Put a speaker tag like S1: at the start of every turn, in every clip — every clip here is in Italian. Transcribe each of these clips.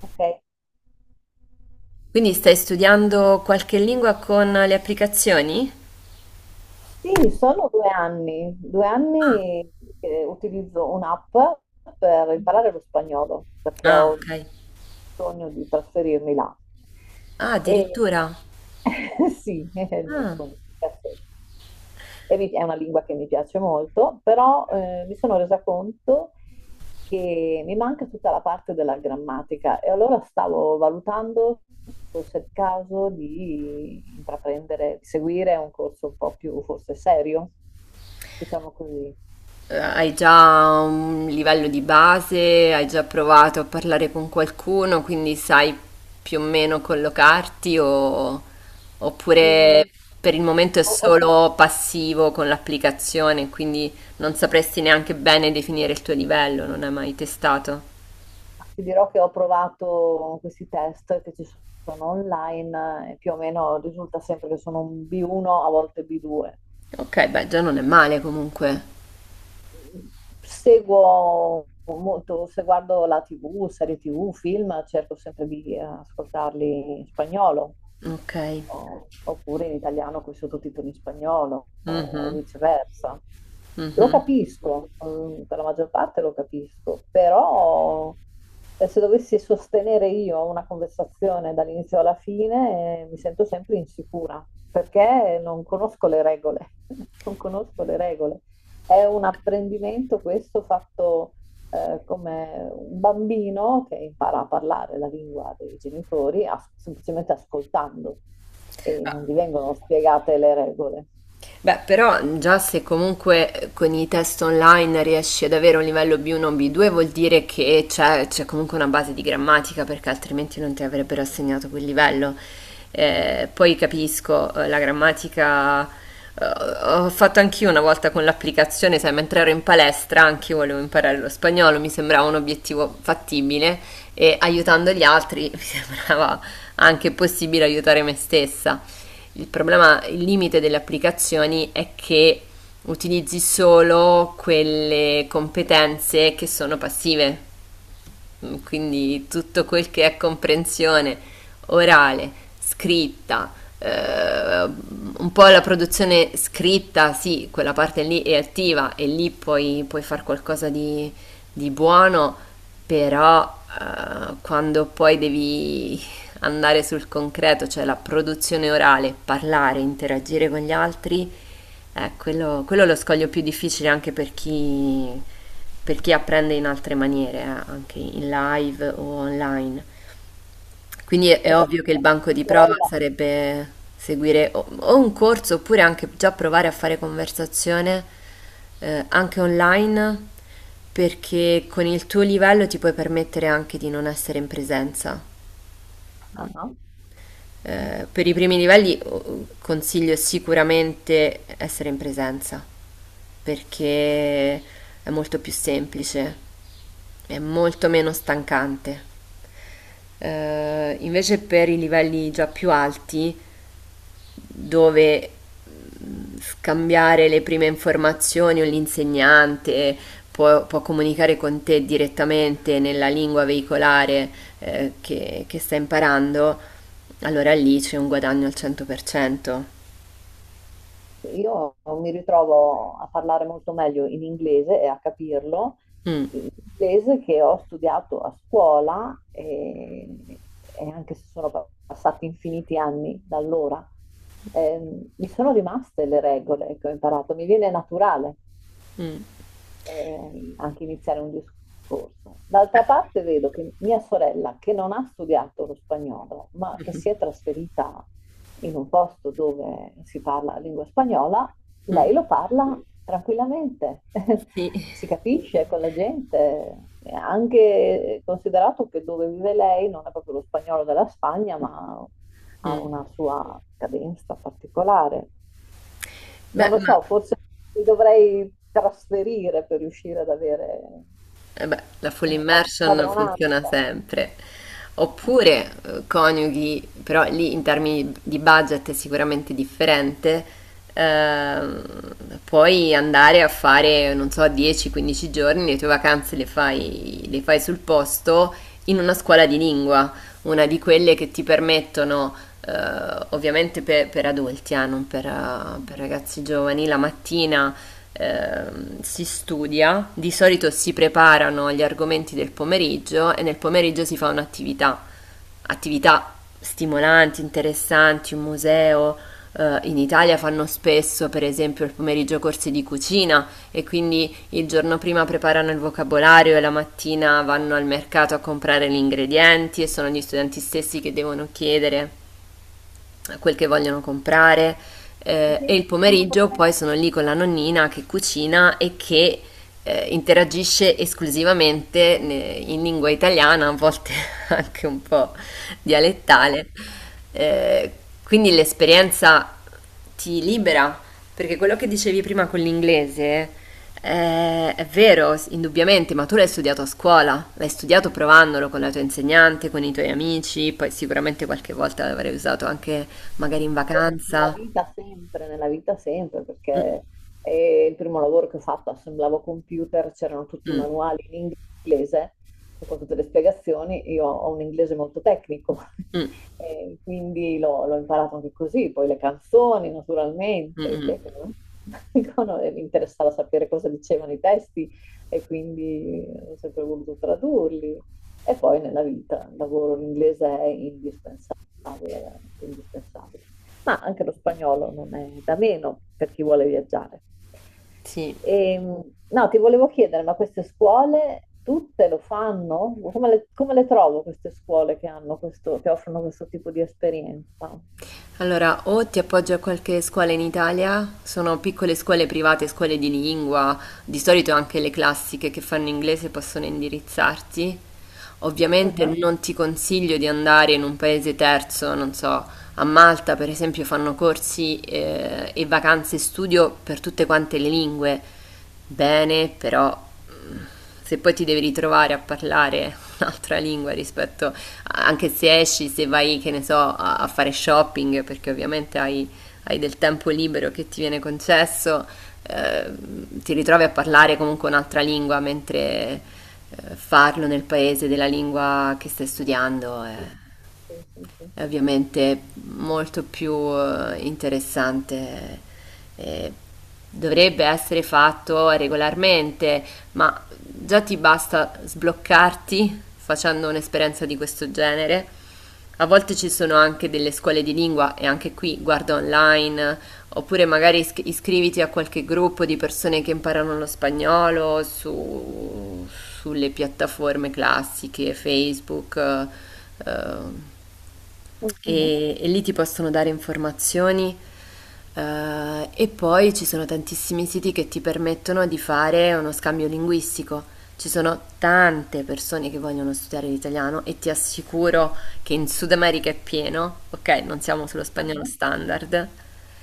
S1: Ok.
S2: Quindi stai studiando qualche lingua con le applicazioni?
S1: Sì, sono due anni, che utilizzo un'app per imparare lo spagnolo, perché
S2: Ah,
S1: ho
S2: ok.
S1: bisogno di trasferirmi là.
S2: Ah,
S1: E
S2: addirittura.
S1: sì, è il mio
S2: Ah.
S1: sogno. Perfetto. E è una lingua che mi piace molto, però mi sono resa conto che mi manca tutta la parte della grammatica e allora stavo valutando se fosse il caso di intraprendere, di seguire un corso un po' più forse serio, diciamo così.
S2: Hai già un livello di base, hai già provato a parlare con qualcuno, quindi sai più o meno oppure
S1: Mm,
S2: per il momento è
S1: ho- ho- fa-
S2: solo passivo con l'applicazione, quindi non sapresti neanche bene definire il tuo livello, non hai mai testato.
S1: ti dirò che ho provato questi test che ci sono online e più o meno risulta sempre che sono un B1, a volte B2.
S2: Ok, beh, già non è male comunque.
S1: Seguo molto, se guardo la TV, serie TV, film, cerco sempre di ascoltarli in spagnolo
S2: Ok.
S1: oppure in italiano con i sottotitoli in spagnolo o
S2: Mhm.
S1: viceversa. Lo
S2: Mhm.
S1: capisco, mm, per la maggior parte lo capisco, però se dovessi sostenere io una conversazione dall'inizio alla fine, mi sento sempre insicura perché non conosco le regole, non conosco le regole. È un apprendimento questo fatto come un bambino che impara a parlare la lingua dei genitori semplicemente ascoltando e non gli vengono spiegate le regole.
S2: Beh, però già se comunque con i test online riesci ad avere un livello B1 o B2 vuol dire che c'è comunque una base di grammatica perché altrimenti non ti avrebbero assegnato quel livello. Poi capisco, la grammatica ho fatto anch'io una volta con l'applicazione, sai, mentre ero in palestra anche io volevo imparare lo spagnolo, mi sembrava un obiettivo fattibile e aiutando gli altri mi sembrava anche possibile aiutare me stessa. Il problema, il limite delle applicazioni è che utilizzi solo quelle competenze che sono passive. Quindi tutto quel che è comprensione orale, scritta, un po' la produzione scritta, sì, quella parte lì è attiva e lì puoi fare qualcosa di buono, però quando poi devi andare sul concreto, cioè la produzione orale, parlare, interagire con gli altri, quello è lo scoglio più difficile anche per chi apprende in altre maniere, anche in live o online. Quindi è
S1: Pensa che
S2: ovvio che il banco
S1: mia
S2: di prova
S1: sorella,
S2: sarebbe seguire o un corso oppure anche già provare a fare conversazione anche online, perché con il tuo livello ti puoi permettere anche di non essere in presenza.
S1: Ah,
S2: Per i primi livelli oh, consiglio sicuramente essere in presenza, perché è molto più semplice, è molto meno stancante. Invece per i livelli già più alti dove scambiare le prime informazioni o l'insegnante può comunicare con te direttamente nella lingua veicolare che sta imparando, allora lì c'è un guadagno al 100%.
S1: io mi ritrovo a parlare molto meglio in inglese e a capirlo,
S2: Mm,
S1: in inglese che ho studiato a scuola e anche se sono passati infiniti anni da allora, mi sono rimaste le regole che ho imparato, mi viene naturale.
S2: mm.
S1: Eh, anche iniziare un discorso.
S2: Beh.
S1: D'altra parte vedo che mia sorella, che non ha studiato lo spagnolo, ma che si è trasferita in un posto dove si parla la lingua spagnola, lei
S2: Mm,
S1: lo parla tranquillamente,
S2: sì.
S1: si capisce con la gente. E anche considerato che dove vive lei non è proprio lo spagnolo della Spagna, ma ha
S2: Mm.
S1: una sua cadenza particolare. Non
S2: Beh,
S1: lo
S2: ma
S1: so, forse mi dovrei trasferire per riuscire ad avere
S2: eh beh, la full
S1: una
S2: immersion funziona
S1: padronanza.
S2: sempre. Oppure coniughi, però lì in termini di budget è sicuramente differente, ehm, puoi andare a fare, non so, 10-15 giorni, le tue vacanze le fai sul posto in una scuola di lingua, una di quelle che ti permettono, ovviamente per adulti, non per per ragazzi giovani, la mattina si studia, di solito si preparano gli argomenti del pomeriggio e nel pomeriggio si fa un'attività, attività stimolanti, interessanti, un museo. Eh, in Italia fanno spesso, per esempio, il pomeriggio corsi di cucina e quindi il giorno prima preparano il vocabolario e la mattina vanno al mercato a comprare gli ingredienti e sono gli studenti stessi che devono chiedere quel che vogliono comprare
S1: E
S2: e
S1: quindi
S2: il
S1: come
S2: pomeriggio
S1: potrei
S2: poi sono lì con la nonnina che cucina e che interagisce esclusivamente in lingua italiana, a volte anche un po'
S1: fare?
S2: dialettale. Eh, quindi l'esperienza ti libera, perché quello che dicevi prima con l'inglese è vero, indubbiamente, ma tu l'hai studiato a scuola, l'hai studiato provandolo con la tua insegnante, con i tuoi amici, poi sicuramente qualche volta l'avrei usato anche magari in
S1: Ma poi nella
S2: vacanza.
S1: vita sempre,
S2: Mm,
S1: perché il primo lavoro che ho fatto assemblavo computer, c'erano tutti i
S2: mm,
S1: manuali in inglese, con tutte le spiegazioni, io ho un inglese molto tecnico,
S2: mm,
S1: e quindi l'ho imparato anche così, poi le canzoni
S2: mm,
S1: naturalmente, chi è che
S2: mm.
S1: non- no, e mi interessava sapere cosa dicevano i testi e quindi ho sempre voluto tradurli. E poi nella vita, il lavoro in inglese è indispensabile, veramente indispensabile, ma anche lo spagnolo non è da meno per chi vuole viaggiare.
S2: Sì.
S1: E, no, ti volevo chiedere, ma queste scuole tutte lo fanno? Come le trovo queste scuole che hanno questo, che offrono questo tipo di esperienza?
S2: Allora, o ti appoggio a qualche scuola in Italia, sono piccole scuole private, scuole di lingua, di solito anche le classiche che fanno inglese possono indirizzarti. Ovviamente
S1: Ah,
S2: non ti consiglio di andare in un paese terzo, non so, a Malta per esempio fanno corsi e vacanze studio per tutte quante le lingue. Bene, però mm, se poi ti devi ritrovare a parlare un'altra lingua rispetto anche se esci, se vai, che ne so, a fare shopping, perché ovviamente hai, hai del tempo libero che ti viene concesso, ti ritrovi a parlare comunque un'altra lingua, mentre farlo nel paese della lingua che stai studiando è
S1: sì,
S2: è
S1: sì.
S2: ovviamente molto più interessante. Eh, dovrebbe essere fatto regolarmente, ma già ti basta sbloccarti facendo un'esperienza di questo genere. A volte ci sono anche delle scuole di lingua e anche qui guarda online. Oppure magari iscriviti a qualche gruppo di persone che imparano lo spagnolo sulle piattaforme classiche, Facebook, eh,
S1: Mhm.
S2: e lì ti possono dare informazioni. E poi ci sono tantissimi siti che ti permettono di fare uno scambio linguistico. Ci sono tante persone che vogliono studiare l'italiano e ti assicuro che in Sud America è pieno, ok? Non siamo sullo spagnolo
S1: Mhm.
S2: standard.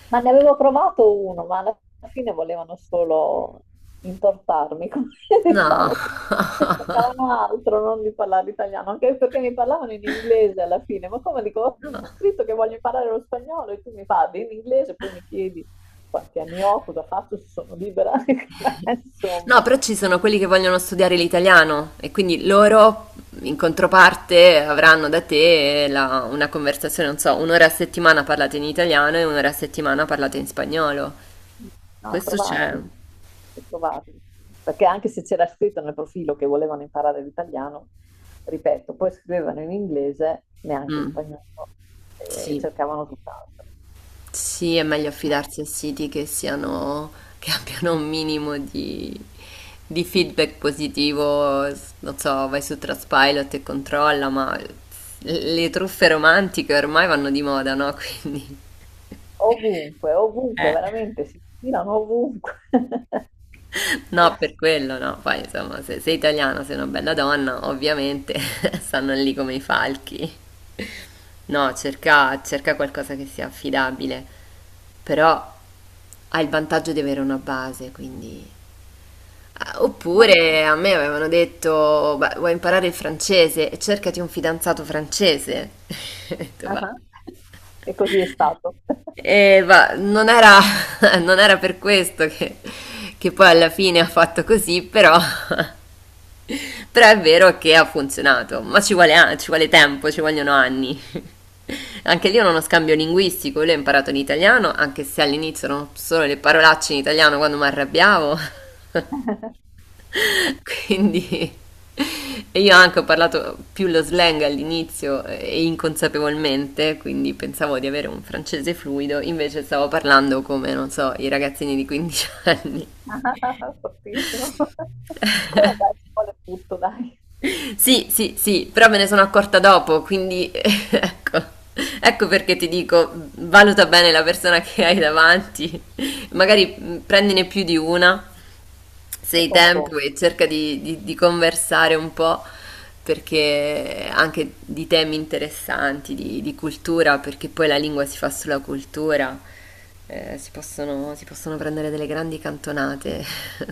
S1: Ma ne avevo provato uno, ma alla fine volevano solo intortarmi, come
S2: No.
S1: diciamo, cercavano altro, non di parlare italiano, anche perché mi parlavano in inglese alla fine, ma come dico, ho scritto che voglio imparare lo spagnolo e tu mi parli in inglese, poi mi chiedi quanti anni ho, cosa faccio, se sono libera, ma
S2: No,
S1: insomma.
S2: però ci sono quelli che vogliono studiare l'italiano e quindi loro in controparte avranno da te una conversazione, non so, un'ora a settimana parlate in italiano e un'ora a settimana parlate in spagnolo.
S1: No,
S2: Questo c'è.
S1: trovarli, trovarli. Perché anche se c'era scritto nel profilo che volevano imparare l'italiano, ripeto, poi scrivevano in inglese, neanche in
S2: Mm,
S1: spagnolo, e
S2: sì.
S1: cercavano tutt'altro.
S2: Sì, è meglio affidarsi a siti che siano, che abbiano un minimo di feedback positivo. Non so, vai su Trustpilot e controlla, ma le truffe romantiche ormai vanno di moda, no? Quindi
S1: Ovunque, ovunque,
S2: eh.
S1: veramente, si filano ovunque.
S2: No, per quello no. Poi insomma, se sei italiana, sei una bella donna, ovviamente stanno lì come i falchi. No, cerca, cerca qualcosa che sia affidabile, però hai il vantaggio di avere una base, quindi... Ah,
S1: Va bene.
S2: oppure a me avevano detto, "Beh, vuoi imparare il francese e cercati un fidanzato francese." Ho detto, "Ma-
S1: Ah, e così è stato.
S2: e va, non era, non era per questo che poi alla fine ha fatto così, però, però è vero che ha funzionato, ma ci vuole, ci vuole tempo, ci vogliono anni. Anche lì è uno scambio linguistico, lui ha imparato l'italiano, anche se all'inizio erano solo le parolacce in italiano quando mi arrabbiavo. Quindi e io anche ho parlato più lo slang all'inizio e inconsapevolmente, quindi pensavo di avere un francese fluido, invece stavo parlando come, non so, i ragazzini di 15 anni.
S1: Fortissimo. Allora dai, ci vuole tutto, dai,
S2: Sì, sì, sì, però me ne sono accorta dopo, quindi ecco, ecco perché ti dico, valuta bene la persona che hai davanti. Magari prendine più di una, se
S1: e
S2: hai tempo
S1: confronto.
S2: e cerca di conversare un po', perché anche di temi interessanti, di cultura, perché poi la lingua si fa sulla cultura, si possono prendere delle grandi cantonate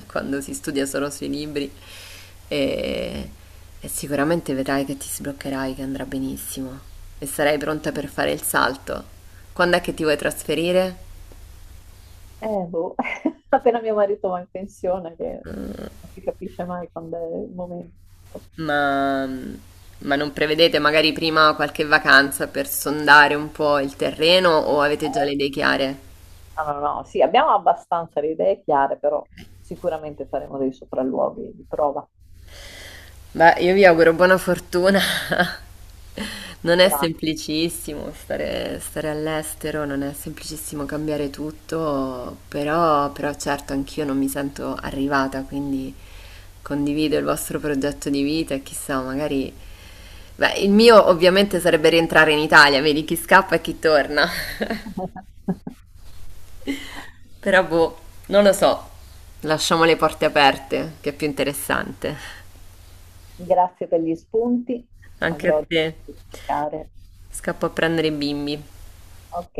S2: quando si studia solo sui libri e, e sicuramente vedrai che ti sbloccherai, che andrà benissimo e sarai pronta per fare il salto. Quando è che ti vuoi trasferire?
S1: Boh, appena mio marito va in pensione, che non si capisce mai quando è il momento.
S2: Ma, ma non prevedete magari prima qualche vacanza per sondare un po' il terreno o avete già
S1: Eh,
S2: le idee chiare?
S1: No, sì, abbiamo abbastanza le idee chiare, però sicuramente faremo dei sopralluoghi di prova.
S2: Beh, io vi auguro buona fortuna. Non è
S1: Gra-
S2: semplicissimo stare, stare all'estero, non è semplicissimo cambiare tutto, però, però certo anch'io non mi sento arrivata, quindi condivido il vostro progetto di vita e chissà, magari... Beh, il mio ovviamente sarebbe rientrare in Italia, vedi chi scappa e chi torna. Però boh, non lo so. Lasciamo le porte aperte, che è più interessante.
S1: Grazie per gli spunti,
S2: Anche a
S1: avrò da
S2: te.
S1: cercare.
S2: Scappo a prendere i bimbi.
S1: Ok.